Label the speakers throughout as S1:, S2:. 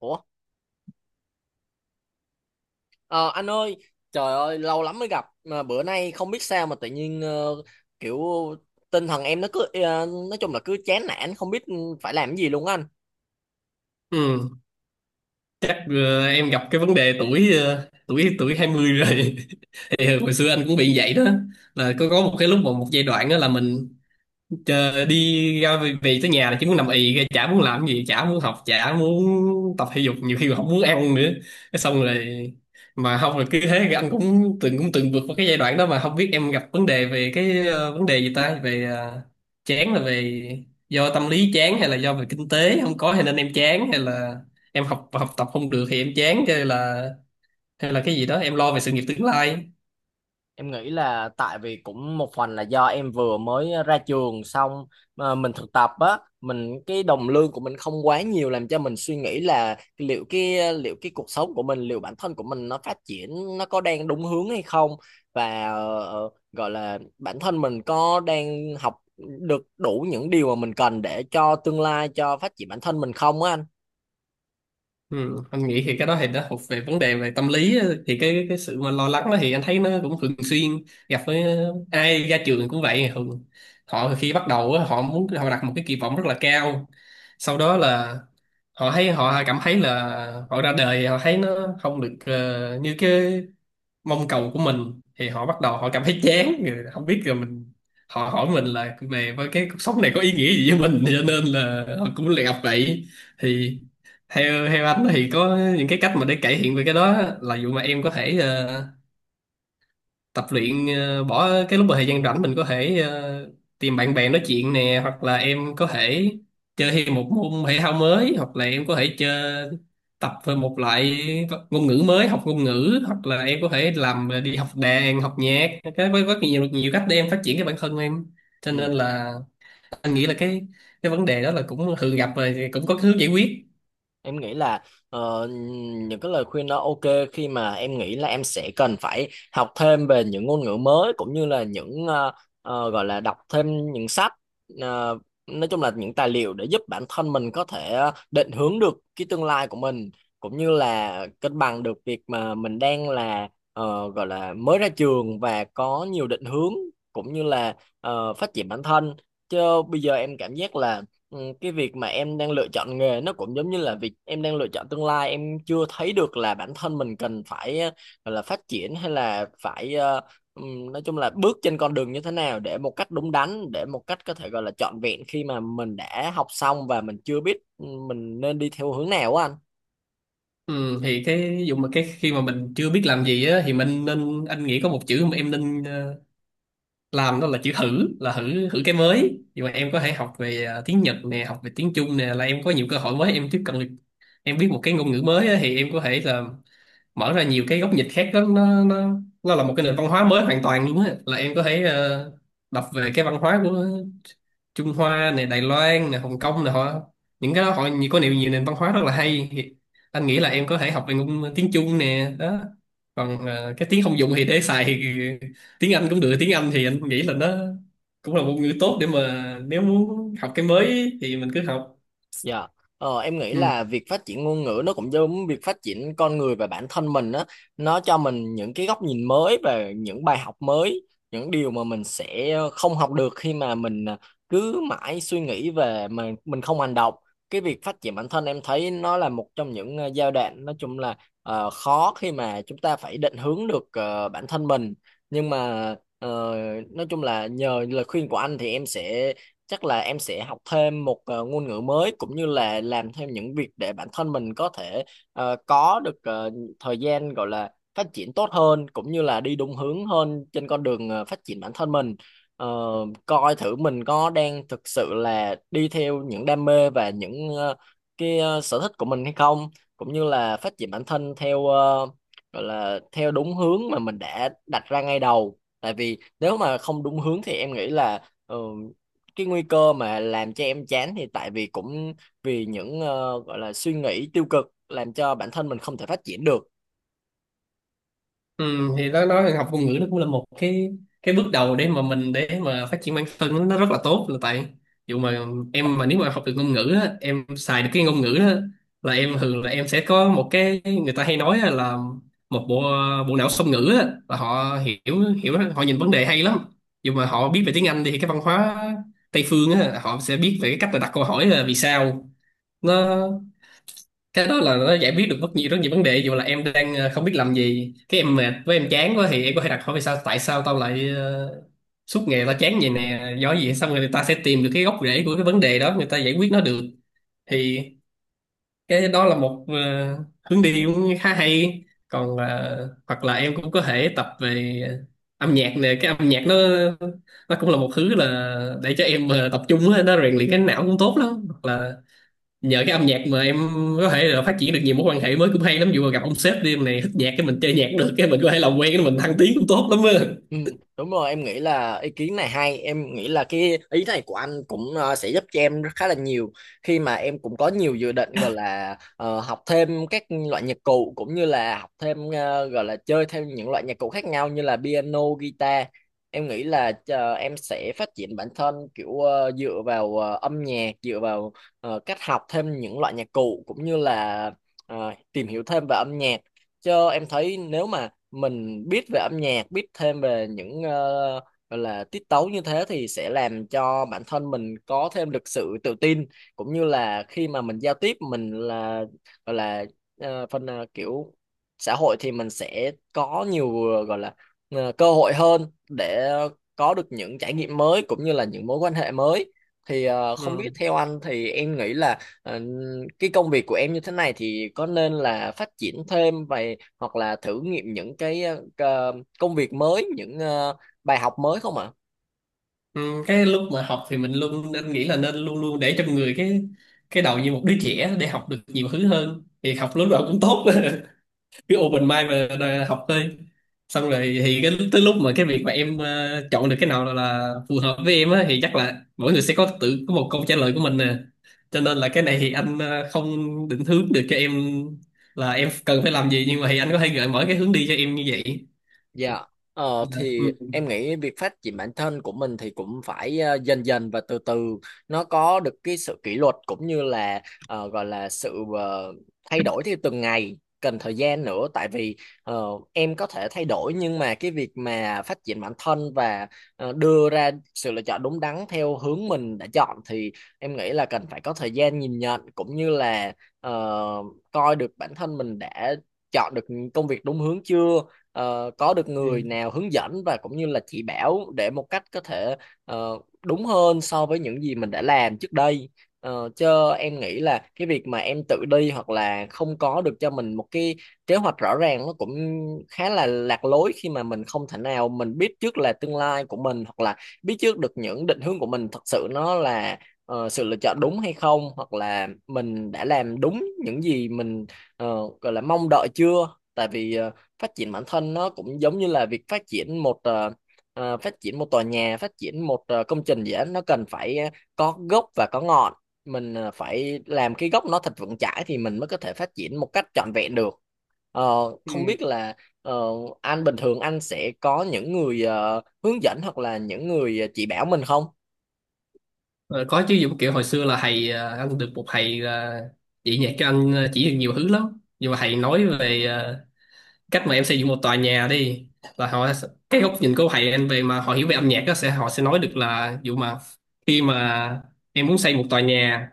S1: Ủa, ờ, anh ơi, trời ơi, lâu lắm mới gặp mà bữa nay không biết sao mà tự nhiên kiểu tinh thần em nó cứ nói chung là cứ chán nản không biết phải làm cái gì luôn á anh.
S2: Ừ, chắc em gặp cái vấn đề tuổi ờ, tuổi tuổi 20 rồi thì hồi xưa anh cũng bị vậy đó, là có một cái lúc mà một giai đoạn đó là mình chờ đi ra về, về tới nhà là chỉ muốn nằm ì ra, chả muốn làm gì, chả muốn học, chả muốn tập thể dục, nhiều khi còn không muốn ăn nữa, cái xong rồi mà không là cứ thế. Anh cũng từng vượt qua cái giai đoạn đó mà không biết em gặp vấn đề về vấn đề gì ta, về chán là về do tâm lý chán, hay là do về kinh tế không có hay nên em chán, hay là em học học tập không được thì em chán, hay là cái gì đó em lo về sự nghiệp tương lai?
S1: Em nghĩ là tại vì cũng một phần là do em vừa mới ra trường xong mà mình thực tập á, mình cái đồng lương của mình không quá nhiều làm cho mình suy nghĩ là liệu cái cuộc sống của mình, liệu bản thân của mình nó phát triển nó có đang đúng hướng hay không và gọi là bản thân mình có đang học được đủ những điều mà mình cần để cho tương lai cho phát triển bản thân mình không á anh.
S2: Ừ, anh nghĩ thì cái đó thì nó thuộc về vấn đề về tâm lý á. Thì cái sự mà lo lắng đó thì anh thấy nó cũng thường xuyên gặp với ai ra trường cũng vậy. Thường họ khi bắt đầu á, họ muốn họ đặt một cái kỳ vọng rất là cao, sau đó là họ thấy, họ cảm thấy là họ ra đời họ thấy nó không được như cái mong cầu của mình, thì họ bắt đầu họ cảm thấy chán rồi không biết rồi mình, họ hỏi mình là về với cái cuộc sống này có ý nghĩa gì với mình, cho nên là họ cũng lại gặp vậy. Thì theo theo anh thì có những cái cách mà để cải thiện về cái đó là, dù mà em có thể tập luyện, bỏ cái lúc mà thời gian rảnh mình có thể tìm bạn bè nói chuyện nè, hoặc là em có thể chơi thêm một môn thể thao mới, hoặc là em có thể chơi tập về một loại ngôn ngữ mới, học ngôn ngữ, hoặc là em có thể làm đi học đàn học nhạc, cái với rất nhiều nhiều cách để em phát triển cái bản thân em, cho
S1: Ừ.
S2: nên là anh nghĩ là cái vấn đề đó là cũng thường gặp rồi thì cũng có hướng giải quyết.
S1: Em nghĩ là ờ, những cái lời khuyên đó ok khi mà em nghĩ là em sẽ cần phải học thêm về những ngôn ngữ mới cũng như là những gọi là đọc thêm những sách, ờ, nói chung là những tài liệu để giúp bản thân mình có thể định hướng được cái tương lai của mình cũng như là cân bằng được việc mà mình đang là gọi là mới ra trường và có nhiều định hướng cũng như là phát triển bản thân, chứ bây giờ em cảm giác là, ừ, cái việc mà em đang lựa chọn nghề nó cũng giống như là việc em đang lựa chọn tương lai. Em chưa thấy được là bản thân mình cần phải gọi là phát triển hay là phải nói chung là bước trên con đường như thế nào để một cách đúng đắn, để một cách có thể gọi là trọn vẹn khi mà mình đã học xong và mình chưa biết, ừ, mình nên đi theo hướng nào á anh.
S2: Ừ, thì cái ví dụ mà cái khi mà mình chưa biết làm gì á thì mình nên, anh nghĩ có một chữ mà em nên làm, đó là chữ thử, là thử thử cái mới. Nhưng mà em có thể học về tiếng Nhật nè, học về tiếng Trung nè, là em có nhiều cơ hội mới, em tiếp cận được, em biết một cái ngôn ngữ mới á, thì em có thể là mở ra nhiều cái góc nhìn khác lắm, nó là một cái nền văn hóa mới hoàn toàn luôn á, là em có thể đọc về cái văn hóa của Trung Hoa này, Đài Loan này, Hồng Kông này, họ những cái đó, họ có nhiều nhiều nền văn hóa rất là hay. Thì anh nghĩ là em có thể học về tiếng Trung nè đó. Còn cái tiếng không dùng thì để xài thì tiếng Anh cũng được, tiếng Anh thì anh nghĩ là nó cũng là một ngữ tốt để mà nếu muốn học cái mới thì mình cứ học.
S1: Dạ. Em nghĩ
S2: Ừ.
S1: là việc phát triển ngôn ngữ nó cũng giống việc phát triển con người và bản thân mình á, nó cho mình những cái góc nhìn mới và những bài học mới, những điều mà mình sẽ không học được khi mà mình cứ mãi suy nghĩ về mà mình không hành động. Cái việc phát triển bản thân em thấy nó là một trong những giai đoạn nói chung là khó khi mà chúng ta phải định hướng được bản thân mình, nhưng mà nói chung là nhờ lời khuyên của anh thì em sẽ, chắc là em sẽ học thêm một ngôn ngữ mới, cũng như là làm thêm những việc để bản thân mình có thể có được thời gian gọi là phát triển tốt hơn cũng như là đi đúng hướng hơn trên con đường phát triển bản thân mình. Ờ, coi thử mình có đang thực sự là đi theo những đam mê và những sở thích của mình hay không, cũng như là phát triển bản thân theo, gọi là theo đúng hướng mà mình đã đặt ra ngay đầu, tại vì nếu mà không đúng hướng thì em nghĩ là cái nguy cơ mà làm cho em chán thì tại vì cũng vì những gọi là suy nghĩ tiêu cực làm cho bản thân mình không thể phát triển được.
S2: Ừ, thì nó nói học ngôn ngữ nó cũng là một cái bước đầu để mà phát triển bản thân, nó rất là tốt, là tại dù mà em, mà nếu mà học được ngôn ngữ á, em xài được cái ngôn ngữ đó, là em thường là em sẽ có một cái, người ta hay nói là một bộ bộ não song ngữ á, là họ hiểu hiểu họ nhìn vấn đề hay lắm. Dù mà họ biết về tiếng Anh thì cái văn hóa Tây phương á, họ sẽ biết về cái cách là đặt câu hỏi là vì sao nó, cái đó là nó giải quyết được rất nhiều vấn đề. Dù là em đang không biết làm gì, cái em mệt với em chán quá, thì em có thể đặt hỏi vì sao, tại sao tao lại suốt ngày tao chán vậy nè, do gì, xong rồi người ta sẽ tìm được cái gốc rễ của cái vấn đề đó, người ta giải quyết nó được. Thì cái đó là một hướng đi cũng khá hay. Còn hoặc là em cũng có thể tập về âm nhạc nè, cái âm nhạc nó cũng là một thứ là để cho em tập trung á, nó rèn luyện cái não cũng tốt lắm. Hoặc là nhờ cái âm nhạc mà em có thể là phát triển được nhiều mối quan hệ mới cũng hay lắm, dù mà gặp ông sếp đi, em này thích nhạc, cái mình chơi nhạc được, cái mình có thể làm quen, cái mình thăng tiến cũng tốt lắm á.
S1: Ừ, đúng rồi, em nghĩ là ý kiến này hay. Em nghĩ là cái ý này của anh cũng sẽ giúp cho em rất khá là nhiều khi mà em cũng có nhiều dự định gọi là học thêm các loại nhạc cụ, cũng như là học thêm gọi là chơi theo những loại nhạc cụ khác nhau như là piano, guitar. Em nghĩ là em sẽ phát triển bản thân kiểu dựa vào âm nhạc, dựa vào cách học thêm những loại nhạc cụ cũng như là tìm hiểu thêm về âm nhạc, cho em thấy nếu mà mình biết về âm nhạc, biết thêm về những gọi là tiết tấu như thế thì sẽ làm cho bản thân mình có thêm được sự tự tin, cũng như là khi mà mình giao tiếp mình là gọi là phần kiểu xã hội thì mình sẽ có nhiều gọi là cơ hội hơn để có được những trải nghiệm mới cũng như là những mối quan hệ mới. Thì không
S2: Ừ.
S1: biết theo anh thì em nghĩ là cái công việc của em như thế này thì có nên là phát triển thêm và hoặc là thử nghiệm những cái ờ, công việc mới, những bài học mới không ạ?
S2: Ừ, cái lúc mà học thì mình luôn nên nghĩ là nên luôn luôn để trong người cái đầu như một đứa trẻ, để học được nhiều thứ hơn, thì học lúc nào cũng tốt cứ open mind và đòi học thôi. Xong rồi thì cái tới lúc mà cái việc mà em chọn được cái nào là phù hợp với em á, thì chắc là mỗi người sẽ có tự có một câu trả lời của mình nè, cho nên là cái này thì anh không định hướng được cho em là em cần phải làm gì, nhưng mà thì anh có thể gợi mở cái hướng đi cho em như vậy.
S1: Dạ,
S2: Ừ.
S1: thì em nghĩ việc phát triển bản thân của mình thì cũng phải dần dần và từ từ, nó có được cái sự kỷ luật cũng như là gọi là sự thay đổi theo từng ngày, cần thời gian nữa. Tại vì ờ, em có thể thay đổi, nhưng mà cái việc mà phát triển bản thân và đưa ra sự lựa chọn đúng đắn theo hướng mình đã chọn thì em nghĩ là cần phải có thời gian nhìn nhận, cũng như là ờ, coi được bản thân mình đã chọn được công việc đúng hướng chưa, có được người
S2: Ừ.
S1: nào hướng dẫn và cũng như là chỉ bảo để một cách có thể ờ, đúng hơn so với những gì mình đã làm trước đây. Ờ, chứ em nghĩ là cái việc mà em tự đi hoặc là không có được cho mình một cái kế hoạch rõ ràng nó cũng khá là lạc lối khi mà mình không thể nào mình biết trước là tương lai của mình, hoặc là biết trước được những định hướng của mình thật sự nó là sự lựa chọn đúng hay không, hoặc là mình đã làm đúng những gì mình gọi là mong đợi chưa. Tại vì phát triển bản thân nó cũng giống như là việc phát triển một phát triển một tòa nhà, phát triển một công trình gì đó, nó cần phải có gốc và có ngọn. Mình phải làm cái gốc nó thật vững chãi thì mình mới có thể phát triển một cách trọn vẹn được. Ờ,
S2: Ừ.
S1: không biết là ờ, anh bình thường anh sẽ có những người hướng dẫn hoặc là những người chỉ bảo mình không?
S2: Ờ, có chứ, giống kiểu hồi xưa là thầy, anh được một thầy là chỉ nhạc cho anh, chỉ được nhiều thứ lắm. Nhưng mà thầy nói về cách mà em xây dựng một tòa nhà đi, là họ, cái góc nhìn của thầy anh, về mà họ hiểu về âm nhạc đó sẽ, họ sẽ nói được là ví dụ mà khi mà em muốn xây một tòa nhà,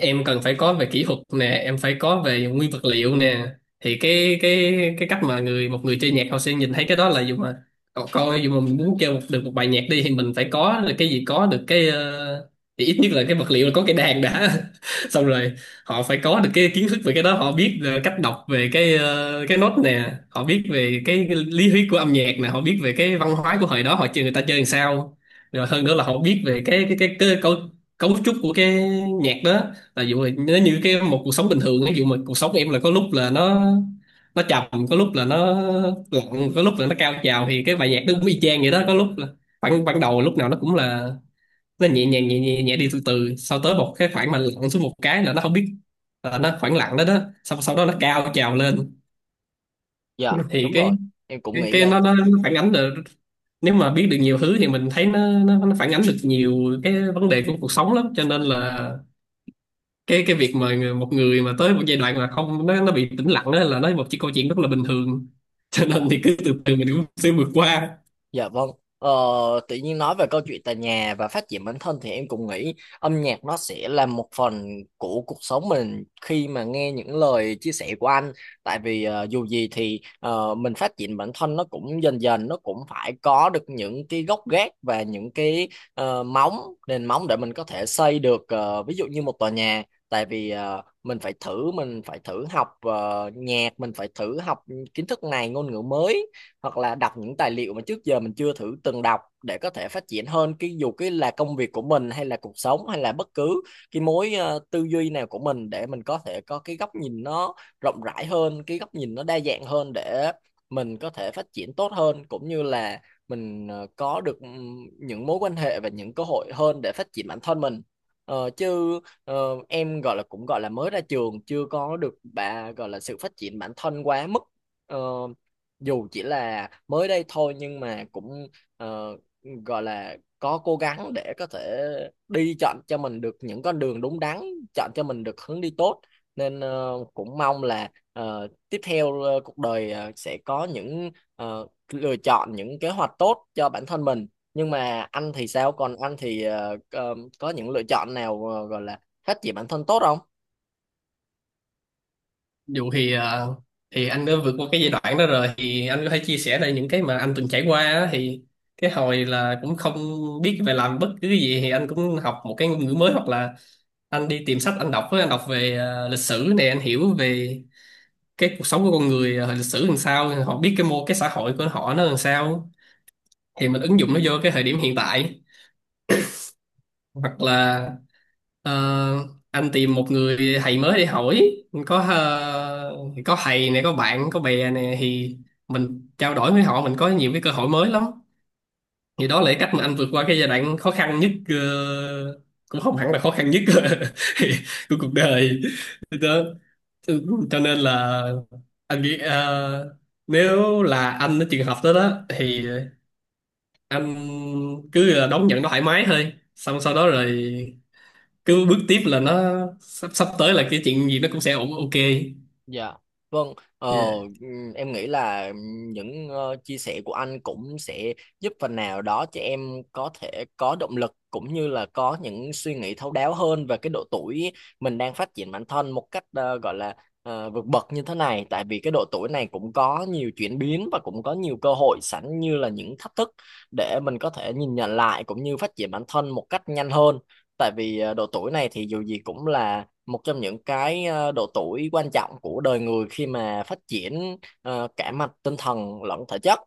S2: em cần phải có về kỹ thuật nè, em phải có về nguyên vật liệu nè. Thì cái cách mà một người chơi nhạc họ sẽ nhìn thấy cái đó là, dù mà cậu coi, dù mà mình muốn chơi được một bài nhạc đi, thì mình phải có được cái gì, có được cái, thì ít nhất là cái vật liệu là có cái đàn đã xong rồi họ phải có được cái kiến thức về cái đó, họ biết cách đọc về cái nốt nè, họ biết về cái lý thuyết của âm nhạc nè, họ biết về cái văn hóa của hồi đó họ chơi, người ta chơi làm sao, rồi hơn nữa là họ biết về cái cấu cấu trúc của cái nhạc đó. Tại vì vậy, nếu như cái một cuộc sống bình thường, ví dụ mà cuộc sống em là có lúc là nó trầm, có lúc là nó lặng, có lúc là nó cao trào, thì cái bài nhạc nó cũng y chang vậy đó. Có lúc là khoảng ban đầu lúc nào nó cũng là nó nhẹ nhàng, nhẹ nhẹ nhẹ đi từ từ, sau tới một cái khoảng mà lặng xuống một cái là nó không biết, là nó khoảng lặng đó đó, sau sau đó nó cao trào lên.
S1: Dạ
S2: Thì
S1: đúng
S2: cái
S1: rồi, em cũng
S2: cái,
S1: nghĩ
S2: cái
S1: vậy.
S2: nó phản ánh được, nếu mà biết được nhiều thứ thì mình thấy nó phản ánh được nhiều cái vấn đề của cuộc sống lắm. Cho nên là cái việc mà một người mà tới một giai đoạn mà không nó bị tĩnh lặng đó, là nó một cái câu chuyện rất là bình thường cho
S1: Dạ.
S2: nên thì cứ từ từ mình cũng sẽ vượt qua.
S1: Dạ vâng. Ờ, tự nhiên nói về câu chuyện tại nhà và phát triển bản thân thì em cũng nghĩ âm nhạc nó sẽ là một phần của cuộc sống mình khi mà nghe những lời chia sẻ của anh. Tại vì dù gì thì mình phát triển bản thân nó cũng dần dần, nó cũng phải có được những cái gốc gác và những cái móng, nền móng để mình có thể xây được ví dụ như một tòa nhà. Tại vì mình phải thử, mình phải thử học nhạc, mình phải thử học kiến thức này, ngôn ngữ mới, hoặc là đọc những tài liệu mà trước giờ mình chưa thử từng đọc để có thể phát triển hơn cái dù cái là công việc của mình hay là cuộc sống hay là bất cứ cái mối tư duy nào của mình, để mình có thể có cái góc nhìn nó rộng rãi hơn, cái góc nhìn nó đa dạng hơn để mình có thể phát triển tốt hơn, cũng như là mình có được những mối quan hệ và những cơ hội hơn để phát triển bản thân mình. Ờ, chứ ờ, em gọi là cũng gọi là mới ra trường chưa có được bà gọi là sự phát triển bản thân quá mức. Ờ, dù chỉ là mới đây thôi nhưng mà cũng ờ, gọi là có cố gắng để có thể đi chọn cho mình được những con đường đúng đắn, chọn cho mình được hướng đi tốt, nên cũng mong là tiếp theo cuộc đời sẽ có những ờ, lựa chọn, những kế hoạch tốt cho bản thân mình. Nhưng mà anh thì sao? Còn anh thì có những lựa chọn nào gọi là phát triển bản thân tốt không?
S2: Dù thì à, thì anh đã vượt qua cái giai đoạn đó rồi, thì anh có thể chia sẻ lại những cái mà anh từng trải qua á. Thì cái hồi là cũng không biết về làm bất cứ cái gì thì anh cũng học một cái ngôn ngữ mới, hoặc là anh đi tìm sách anh đọc á, anh đọc về lịch sử này, anh hiểu về cái cuộc sống của con người, hồi lịch sử làm sao họ biết, cái mô, cái xã hội của họ nó làm sao, thì mình ứng dụng nó vô cái thời điểm hiện tại. Hoặc là ờ, anh tìm một người thầy mới để hỏi, có ờ, có thầy này, có bạn có bè này, thì mình trao đổi với họ, mình có nhiều cái cơ hội mới lắm. Thì đó là cái cách mà anh vượt qua cái giai đoạn khó khăn nhất, cũng không hẳn là khó khăn nhất của cuộc đời đó. Ừ, cho nên là anh nghĩ nếu là anh ở trường hợp đó đó, thì anh cứ là đón nhận nó thoải mái thôi, xong sau đó rồi cứ bước tiếp, là nó, sắp sắp tới là cái chuyện gì nó cũng sẽ ổn, ok.
S1: Dạ, vâng. Ờ,
S2: Yeah.
S1: em nghĩ là những chia sẻ của anh cũng sẽ giúp phần nào đó cho em có thể có động lực cũng như là có những suy nghĩ thấu đáo hơn về cái độ tuổi mình đang phát triển bản thân một cách gọi là vượt bậc như thế này. Tại vì cái độ tuổi này cũng có nhiều chuyển biến và cũng có nhiều cơ hội sẵn như là những thách thức để mình có thể nhìn nhận lại cũng như phát triển bản thân một cách nhanh hơn. Tại vì độ tuổi này thì dù gì cũng là một trong những cái độ tuổi quan trọng của đời người khi mà phát triển cả mặt tinh thần lẫn thể chất,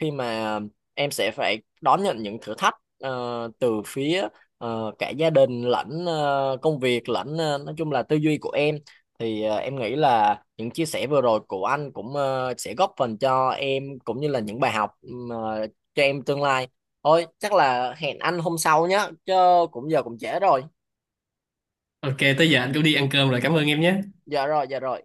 S1: khi mà em sẽ phải đón nhận những thử thách từ phía cả gia đình lẫn công việc lẫn nói chung là tư duy của em. Thì em nghĩ là những chia sẻ vừa rồi của anh cũng sẽ góp phần cho em cũng như là những bài học mà cho em tương lai. Thôi chắc là hẹn anh hôm sau nhé, chứ cũng giờ cũng trễ rồi.
S2: Ok, tới giờ anh cũng đi ăn cơm rồi, cảm ơn em nhé.
S1: Dạ rồi, dạ rồi.